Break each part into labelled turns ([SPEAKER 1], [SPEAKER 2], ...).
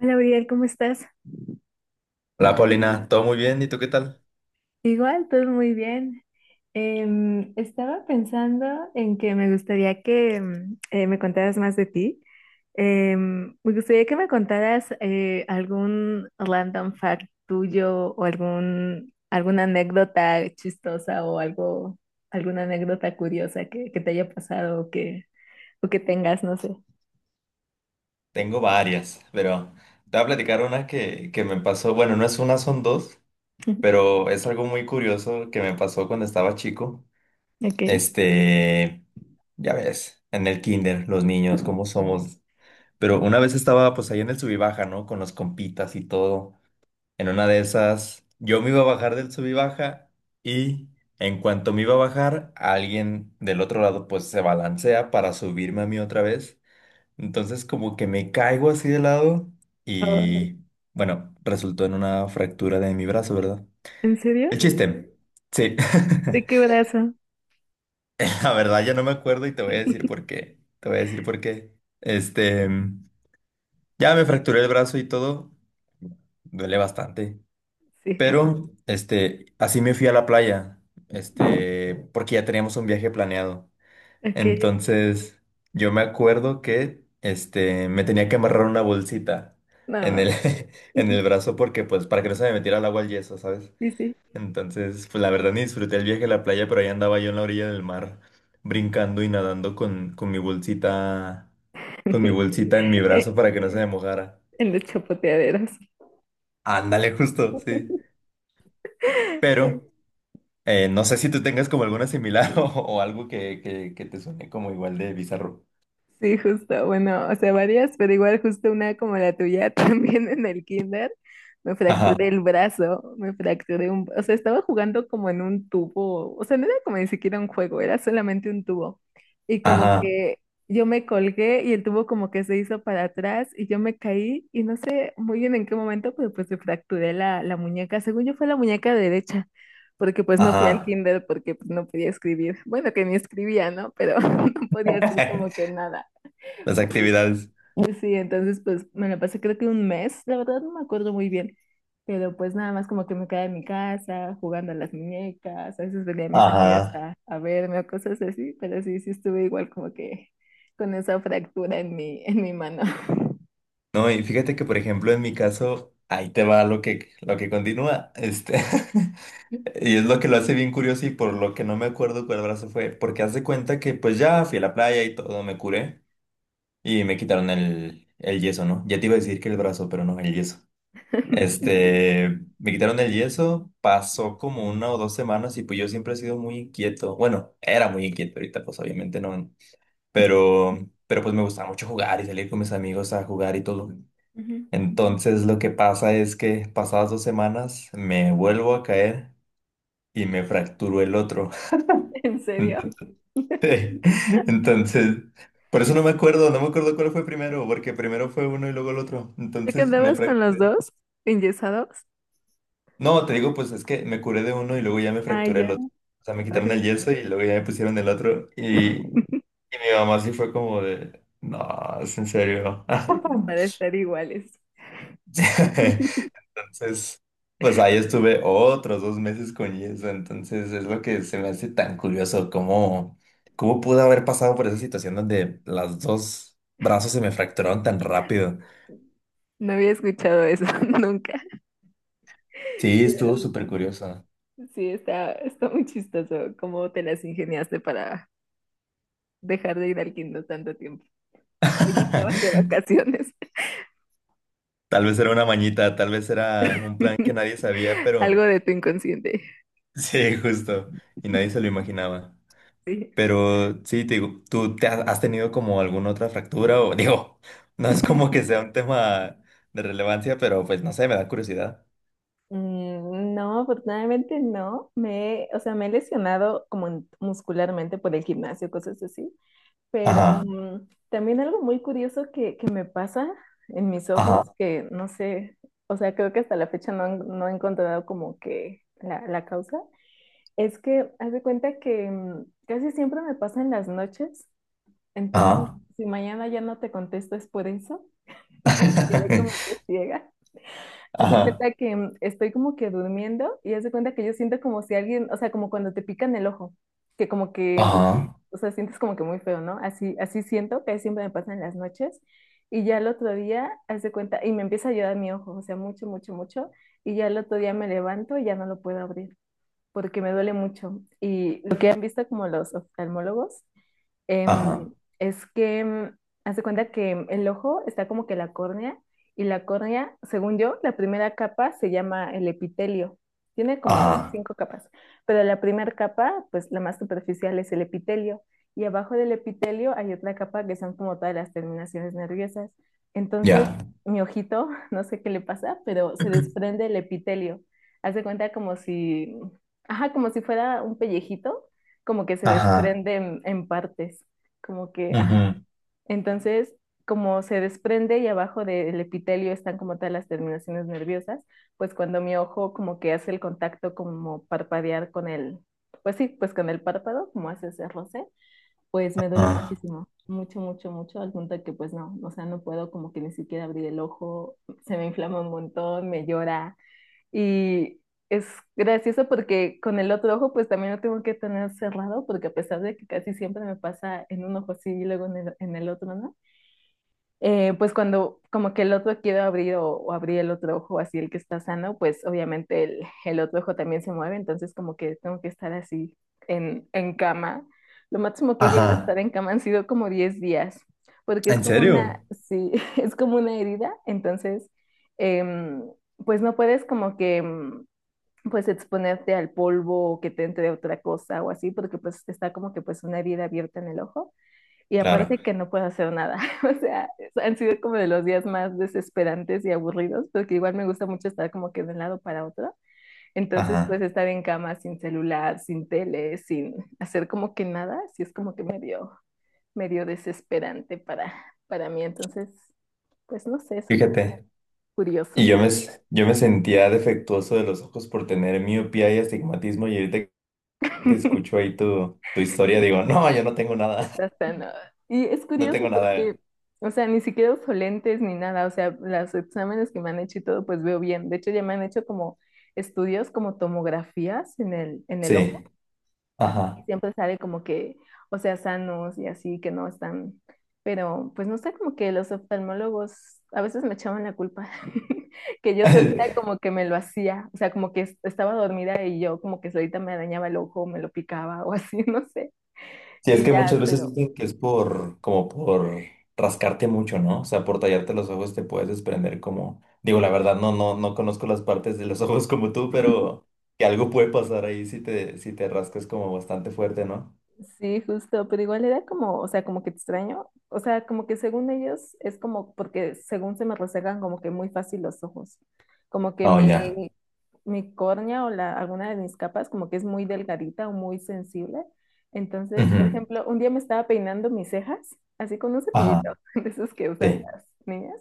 [SPEAKER 1] Hola, Uriel, ¿cómo estás?
[SPEAKER 2] Hola Paulina, ¿todo muy bien? ¿Y tú qué tal?
[SPEAKER 1] Igual, todo muy bien. Estaba pensando en que me gustaría que me contaras más de ti. Me gustaría que me contaras algún random fact tuyo o alguna anécdota chistosa o algo, alguna anécdota curiosa que te haya pasado o que tengas, no sé.
[SPEAKER 2] Tengo varias, pero te voy a platicar una que me pasó, bueno, no es una, son dos, pero es algo muy curioso que me pasó cuando estaba chico.
[SPEAKER 1] Ok.
[SPEAKER 2] Este, ya ves, en el kinder, los niños, cómo somos. Pero una vez estaba pues ahí en el subibaja, ¿no? Con los compitas y todo. En una de esas, yo me iba a bajar del subibaja y en cuanto me iba a bajar, alguien del otro lado pues se balancea para subirme a mí otra vez. Entonces como que me caigo así de lado
[SPEAKER 1] Oh,
[SPEAKER 2] y bueno, resultó en una fractura de mi brazo, ¿verdad?
[SPEAKER 1] ¿en
[SPEAKER 2] El
[SPEAKER 1] serio?
[SPEAKER 2] chiste. Sí.
[SPEAKER 1] ¿De qué brazo?
[SPEAKER 2] La verdad ya no me acuerdo y te voy a decir por qué. Te voy a decir por qué. Este, ya me fracturé el brazo y todo. Duele bastante.
[SPEAKER 1] Sí.
[SPEAKER 2] Pero, así me fui a la playa. Porque ya teníamos un viaje planeado.
[SPEAKER 1] Ok.
[SPEAKER 2] Entonces, yo me acuerdo que me tenía que amarrar una bolsita en
[SPEAKER 1] No.
[SPEAKER 2] el, en el brazo porque, pues, para que no se me metiera el agua al yeso, ¿sabes?
[SPEAKER 1] Sí, sí.
[SPEAKER 2] Entonces, pues, la verdad ni disfruté el viaje a la playa, pero ahí andaba yo en la orilla del mar, brincando y nadando con mi bolsita, con mi bolsita en mi
[SPEAKER 1] Eh,
[SPEAKER 2] brazo para que no se me mojara.
[SPEAKER 1] En los chapoteaderos.
[SPEAKER 2] Ándale, justo, sí. Pero, no sé si tú tengas como alguna similar o algo que te suene como igual de bizarro.
[SPEAKER 1] Sí, justo. Bueno, o sea, varias, pero igual justo una como la tuya también en el kinder. Me
[SPEAKER 2] Ajá,
[SPEAKER 1] fracturé el brazo, o sea, estaba jugando como en un tubo. O sea, no era como ni siquiera un juego, era solamente un tubo. Y como
[SPEAKER 2] ajá,
[SPEAKER 1] que yo me colgué y el tubo como que se hizo para atrás y yo me caí y no sé muy bien en qué momento, pero pues me fracturé la muñeca. Según yo fue la muñeca derecha. Porque pues no fui al
[SPEAKER 2] ajá.
[SPEAKER 1] kinder porque pues, no podía escribir. Bueno, que ni escribía, ¿no? Pero no podía hacer como que nada.
[SPEAKER 2] Las
[SPEAKER 1] Por eso.
[SPEAKER 2] actividades.
[SPEAKER 1] Pues sí, entonces pues me la pasé creo que un mes, la verdad no me acuerdo muy bien, pero pues nada más como que me quedaba en mi casa jugando a las muñecas, a veces venía a mis amigas
[SPEAKER 2] Ajá.
[SPEAKER 1] a verme o cosas así, pero sí, sí estuve igual como que con esa fractura en mi mano.
[SPEAKER 2] No, y fíjate que, por ejemplo, en mi caso, ahí te va lo que continúa. Y es lo que lo hace bien curioso y por lo que no me acuerdo cuál brazo fue. Porque haz de cuenta que, pues ya fui a la playa y todo, me curé y me quitaron el yeso, ¿no? Ya te iba a decir que el brazo, pero no, el yeso. Este, Me quitaron el yeso, pasó como una o 2 semanas y pues yo siempre he sido muy inquieto. Bueno, era muy inquieto, ahorita pues obviamente no, pero, pero pues me gustaba mucho jugar y salir con mis amigos a jugar y todo.
[SPEAKER 1] Ujú.
[SPEAKER 2] Entonces lo que pasa es que pasadas 2 semanas me vuelvo a caer y me fracturó el otro.
[SPEAKER 1] ¿En serio?
[SPEAKER 2] Entonces, entonces, por eso no me acuerdo cuál fue primero, porque primero fue uno y luego el otro.
[SPEAKER 1] ¿Te
[SPEAKER 2] Entonces me
[SPEAKER 1] quedabas con los
[SPEAKER 2] fracturé.
[SPEAKER 1] dos enyesados?
[SPEAKER 2] No, te digo, pues es que me curé de uno y luego ya me
[SPEAKER 1] Ah,
[SPEAKER 2] fracturé el
[SPEAKER 1] ya.
[SPEAKER 2] otro. O sea, me quitaron
[SPEAKER 1] Ay,
[SPEAKER 2] el yeso y luego ya me pusieron el otro. Y mi mamá sí fue como de, no, es en serio.
[SPEAKER 1] Esas Para estar iguales.
[SPEAKER 2] Entonces, pues ahí estuve otros 2 meses con eso. Entonces, es lo que se me hace tan curioso, cómo, cómo pude haber pasado por esa situación donde las dos brazos se me fracturaron tan rápido.
[SPEAKER 1] No había escuchado eso nunca.
[SPEAKER 2] Sí,
[SPEAKER 1] Sí, la
[SPEAKER 2] estuvo
[SPEAKER 1] verdad,
[SPEAKER 2] súper curioso.
[SPEAKER 1] sí, sí, está muy chistoso cómo te las ingeniaste para dejar de ir al Kindle tanto tiempo. Oye, estabas de vacaciones.
[SPEAKER 2] Tal vez era una mañita, tal vez era un plan que nadie sabía, pero
[SPEAKER 1] Algo de tu inconsciente.
[SPEAKER 2] sí, justo, y nadie se lo imaginaba.
[SPEAKER 1] Sí.
[SPEAKER 2] Pero sí, te digo, ¿tú has tenido como alguna otra fractura? O digo, no es como que sea un tema de relevancia, pero pues no sé, me da curiosidad.
[SPEAKER 1] No, afortunadamente no. O sea, me he lesionado como muscularmente por el gimnasio, cosas así, pero
[SPEAKER 2] Ajá,
[SPEAKER 1] también algo muy curioso que me pasa en mis ojos,
[SPEAKER 2] ajá,
[SPEAKER 1] que no sé, o sea, creo que hasta la fecha no, no he encontrado como que la causa, es que haz de cuenta que casi siempre me pasa en las noches, entonces
[SPEAKER 2] ajá.
[SPEAKER 1] si mañana ya no te contesto es por eso, y que me quedé como que ciega. Haz de
[SPEAKER 2] Ajá.
[SPEAKER 1] cuenta que estoy como que durmiendo y haz de cuenta que yo siento como si alguien, o sea, como cuando te pican el ojo, que como que,
[SPEAKER 2] Ajá,
[SPEAKER 1] o sea, sientes como que muy feo, ¿no? Así, así siento que siempre me pasa en las noches y ya el otro día, haz de cuenta, y me empieza a llorar mi ojo, o sea, mucho, mucho, mucho, y ya el otro día me levanto y ya no lo puedo abrir porque me duele mucho. Y lo que han visto como los oftalmólogos. Em,
[SPEAKER 2] ajá,
[SPEAKER 1] es que, haz de cuenta que el ojo está como que la córnea, y la córnea, según yo, la primera capa se llama el epitelio. Tiene como
[SPEAKER 2] ajá.
[SPEAKER 1] cinco capas, pero la primera capa, pues la más superficial es el epitelio, y abajo del epitelio hay otra capa que son como todas las terminaciones nerviosas. Entonces,
[SPEAKER 2] Ya.
[SPEAKER 1] mi ojito, no sé qué le pasa, pero se desprende el epitelio. Haz de cuenta como si, ajá, como si fuera un pellejito como que se
[SPEAKER 2] Ajá,
[SPEAKER 1] desprende en partes, como que, ajá.
[SPEAKER 2] ujú,
[SPEAKER 1] Entonces, como se desprende y abajo del epitelio están como tal las terminaciones nerviosas, pues cuando mi ojo como que hace el contacto como parpadear con el, pues sí, pues con el párpado, como hace ese roce, pues me duele
[SPEAKER 2] ajá,
[SPEAKER 1] muchísimo, mucho, mucho, mucho, al punto de que pues no, o sea, no puedo como que ni siquiera abrir el ojo, se me inflama un montón, me llora, y es gracioso porque con el otro ojo pues también lo tengo que tener cerrado porque a pesar de que casi siempre me pasa en un ojo así y luego en el otro, ¿no? Pues cuando como que el otro quiero abrir o abrir el otro ojo así el que está sano, pues obviamente el otro ojo también se mueve, entonces como que tengo que estar así en, cama. Lo máximo que he llegado a
[SPEAKER 2] ajá.
[SPEAKER 1] estar en cama han sido como 10 días, porque es
[SPEAKER 2] ¿En
[SPEAKER 1] como
[SPEAKER 2] serio?
[SPEAKER 1] una, sí, es como una herida, entonces... em, pues no puedes como que pues exponerte al polvo o que te entre otra cosa o así, porque pues está como que pues una herida abierta en el ojo y
[SPEAKER 2] Claro,
[SPEAKER 1] aparte que no puedo hacer nada. O sea, han sido como de los días más desesperantes y aburridos, porque igual me gusta mucho estar como que de un lado para otro. Entonces, pues
[SPEAKER 2] ajá.
[SPEAKER 1] estar en cama sin celular, sin tele, sin hacer como que nada, sí es como que medio desesperante para mí. Entonces, pues no sé, es un poco
[SPEAKER 2] Fíjate. Y
[SPEAKER 1] curioso.
[SPEAKER 2] yo yo me sentía defectuoso de los ojos por tener miopía y astigmatismo, y ahorita que escucho ahí tu historia, digo, no, yo no tengo nada.
[SPEAKER 1] Está tan... ah, y es
[SPEAKER 2] No
[SPEAKER 1] curioso
[SPEAKER 2] tengo nada.
[SPEAKER 1] porque, o sea, ni siquiera uso lentes ni nada, o sea, los exámenes que me han hecho y todo, pues veo bien. De hecho, ya me han hecho como estudios, como tomografías en el ojo,
[SPEAKER 2] Sí,
[SPEAKER 1] y
[SPEAKER 2] ajá.
[SPEAKER 1] siempre sale como que, o sea, sanos y así, que no están, pero pues no sé, como que los oftalmólogos a veces me echaban la culpa, que yo solita como que me lo hacía, o sea, como que estaba dormida y yo como que solita me arañaba el ojo, me lo picaba o así, no sé,
[SPEAKER 2] Sí, es
[SPEAKER 1] y
[SPEAKER 2] que
[SPEAKER 1] ya,
[SPEAKER 2] muchas veces
[SPEAKER 1] pero...
[SPEAKER 2] dicen que es por, como por rascarte mucho, ¿no? O sea, por tallarte los ojos te puedes desprender como, digo, la verdad, no, no, no conozco las partes de los ojos como tú, pero que algo puede pasar ahí si te rascas como bastante fuerte, ¿no?
[SPEAKER 1] Sí, justo, pero igual era como, o sea, como que extraño, o sea, como que según ellos es como, porque según se me resecan como que muy fácil los ojos, como que
[SPEAKER 2] Oh, ya.
[SPEAKER 1] mi córnea o alguna de mis capas como que es muy delgadita o muy sensible. Entonces, por
[SPEAKER 2] Ujú.
[SPEAKER 1] ejemplo, un día me estaba peinando mis cejas, así con un
[SPEAKER 2] Ajá,
[SPEAKER 1] cepillito, de esos que usan
[SPEAKER 2] sí,
[SPEAKER 1] las niñas,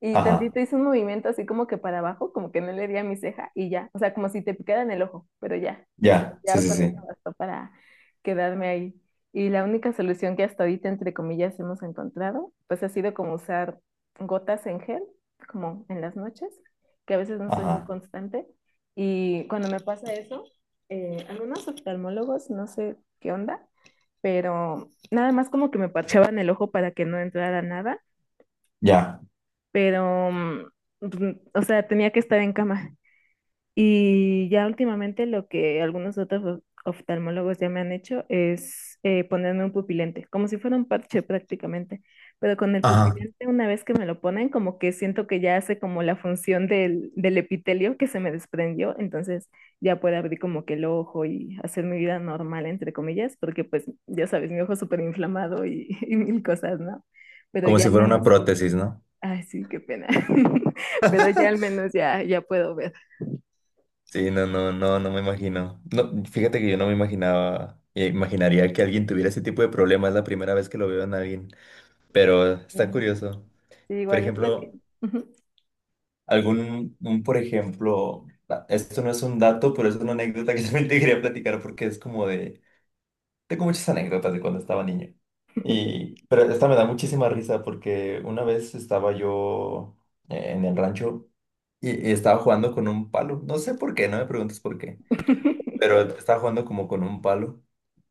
[SPEAKER 1] y tantito
[SPEAKER 2] ajá,
[SPEAKER 1] hice un movimiento así como que para abajo, como que no le di a mi ceja y ya, o sea, como si te picara en el ojo, pero ya, o sea,
[SPEAKER 2] ya, sí,
[SPEAKER 1] ya
[SPEAKER 2] sí,
[SPEAKER 1] con
[SPEAKER 2] sí,
[SPEAKER 1] eso bastó para quedarme ahí. Y la única solución que hasta ahorita, entre comillas, hemos encontrado, pues ha sido como usar gotas en gel, como en las noches, que a veces no soy muy
[SPEAKER 2] ajá,
[SPEAKER 1] constante. Y cuando me pasa eso, algunos oftalmólogos, no sé qué onda, pero nada más como que me parchaban el ojo para que no entrara nada,
[SPEAKER 2] ya.
[SPEAKER 1] pero, o sea, tenía que estar en cama. Y ya últimamente lo que algunos otros oftalmólogos ya me han hecho es ponerme un pupilente, como si fuera un parche prácticamente. Pero con el
[SPEAKER 2] Ajá.
[SPEAKER 1] pupilente, una vez que me lo ponen, como que siento que ya hace como la función del epitelio que se me desprendió, entonces ya puedo abrir como que el ojo y hacer mi vida normal, entre comillas, porque pues ya sabes, mi ojo súper inflamado y, y mil cosas, ¿no? Pero
[SPEAKER 2] Como
[SPEAKER 1] ya
[SPEAKER 2] si
[SPEAKER 1] al
[SPEAKER 2] fuera una
[SPEAKER 1] menos,
[SPEAKER 2] prótesis, ¿no?
[SPEAKER 1] ay, sí, qué pena. Pero ya al menos ya, ya puedo ver.
[SPEAKER 2] Sí, no, no, no, no me imagino. No, fíjate que yo no me imaginaba, imaginaría que alguien tuviera ese tipo de problemas. Es la primera vez que lo veo en alguien, pero está curioso.
[SPEAKER 1] Sí,
[SPEAKER 2] Por
[SPEAKER 1] igual es lo que...
[SPEAKER 2] ejemplo,
[SPEAKER 1] Ujú.
[SPEAKER 2] algún, un, por ejemplo, ah, esto no es un dato, pero es una anécdota que también te quería platicar porque es como de, tengo muchas anécdotas de cuando estaba niño. Y, pero esta me da muchísima risa porque una vez estaba yo en el rancho y estaba jugando con un palo. No sé por qué, no me preguntes por qué. Pero estaba jugando como con un palo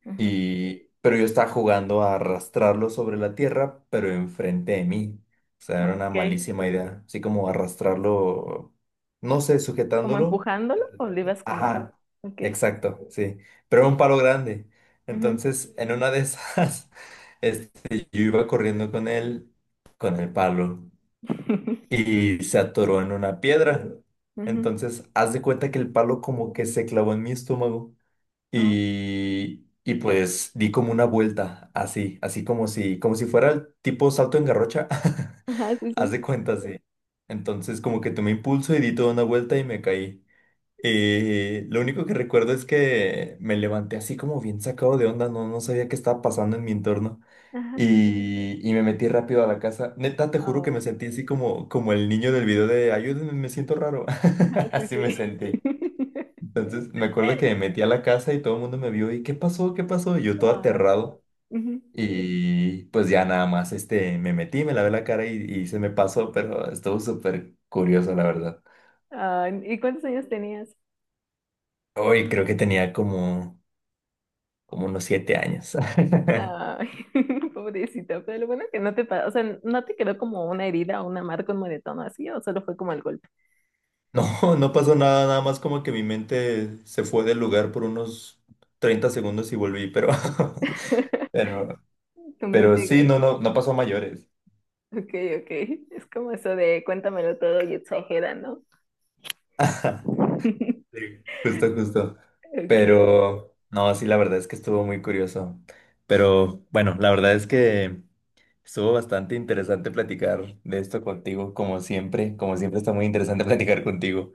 [SPEAKER 1] Ujú.
[SPEAKER 2] y pero yo estaba jugando a arrastrarlo sobre la tierra, pero enfrente de mí. O sea, era una
[SPEAKER 1] Ok,
[SPEAKER 2] malísima idea, así como
[SPEAKER 1] sí.
[SPEAKER 2] arrastrarlo, no sé,
[SPEAKER 1] ¿Como
[SPEAKER 2] sujetándolo.
[SPEAKER 1] empujándolo o le ibas como...?
[SPEAKER 2] Ajá,
[SPEAKER 1] Ok.
[SPEAKER 2] exacto, sí, pero era un palo grande.
[SPEAKER 1] Ujú.
[SPEAKER 2] Entonces, en una de esas, yo iba corriendo con él, con el palo y se atoró en una piedra.
[SPEAKER 1] Ujú.
[SPEAKER 2] Entonces, haz de cuenta que el palo como que se clavó en mi estómago.
[SPEAKER 1] Ah,
[SPEAKER 2] Y pues di como una vuelta, así, así como si fuera el tipo salto en garrocha.
[SPEAKER 1] ajá, sí,
[SPEAKER 2] Haz
[SPEAKER 1] sí.
[SPEAKER 2] de cuenta, sí. Entonces como que tomé impulso y di toda una vuelta y me caí. Lo único que recuerdo es que me levanté así como bien sacado de onda, no, no sabía qué estaba pasando en mi entorno.
[SPEAKER 1] Ajá.
[SPEAKER 2] Y me metí rápido a la casa. Neta, te juro que me
[SPEAKER 1] Ay,
[SPEAKER 2] sentí así como, como el niño del video de ayúdenme, me siento raro.
[SPEAKER 1] ajá, sí,
[SPEAKER 2] Así
[SPEAKER 1] sí.
[SPEAKER 2] me sentí. Entonces me acuerdo que me metí a la casa y todo el mundo me vio y ¿qué pasó? ¿Qué pasó? Y yo todo
[SPEAKER 1] Ah,
[SPEAKER 2] aterrado.
[SPEAKER 1] ujú.
[SPEAKER 2] Y pues ya nada más me metí, me lavé la cara y se me pasó, pero estuvo súper curioso, la verdad.
[SPEAKER 1] Ay, ¿y cuántos años tenías?
[SPEAKER 2] Hoy creo que tenía como, como unos 7 años.
[SPEAKER 1] Ay, pobrecita, pero lo bueno que no te o sea, no te quedó como una herida o una marca, un moretón o así, o solo fue como el golpe.
[SPEAKER 2] No, no pasó nada, nada más como que mi mente se fue del lugar por unos 30 segundos y volví, pero, pero,
[SPEAKER 1] Tu mente
[SPEAKER 2] pero sí, no,
[SPEAKER 1] que,
[SPEAKER 2] no, no pasó a mayores.
[SPEAKER 1] ok, ok, es como eso de cuéntamelo todo y exagera, ¿no?
[SPEAKER 2] Sí. Justo, justo.
[SPEAKER 1] Ok,
[SPEAKER 2] Pero no, sí, la verdad es que estuvo muy curioso. Pero bueno, la verdad es que estuvo bastante interesante platicar de esto contigo, como siempre. Como siempre está muy interesante platicar contigo.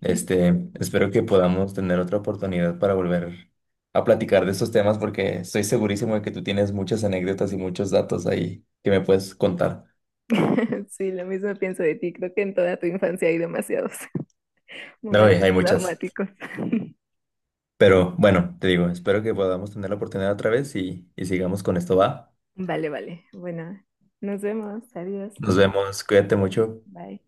[SPEAKER 2] Espero que podamos tener otra oportunidad para volver a platicar de estos temas porque estoy segurísimo de que tú tienes muchas anécdotas y muchos datos ahí que me puedes contar.
[SPEAKER 1] sí, lo mismo pienso de ti. Creo que en toda tu infancia hay demasiados
[SPEAKER 2] No, y
[SPEAKER 1] momentos
[SPEAKER 2] hay muchas.
[SPEAKER 1] traumáticos.
[SPEAKER 2] Pero bueno, te digo, espero que podamos tener la oportunidad otra vez y sigamos con esto, ¿va?
[SPEAKER 1] Vale, vale. Bueno, nos vemos. Adiós.
[SPEAKER 2] Nos vemos,
[SPEAKER 1] Ok,
[SPEAKER 2] cuídate mucho.
[SPEAKER 1] bye.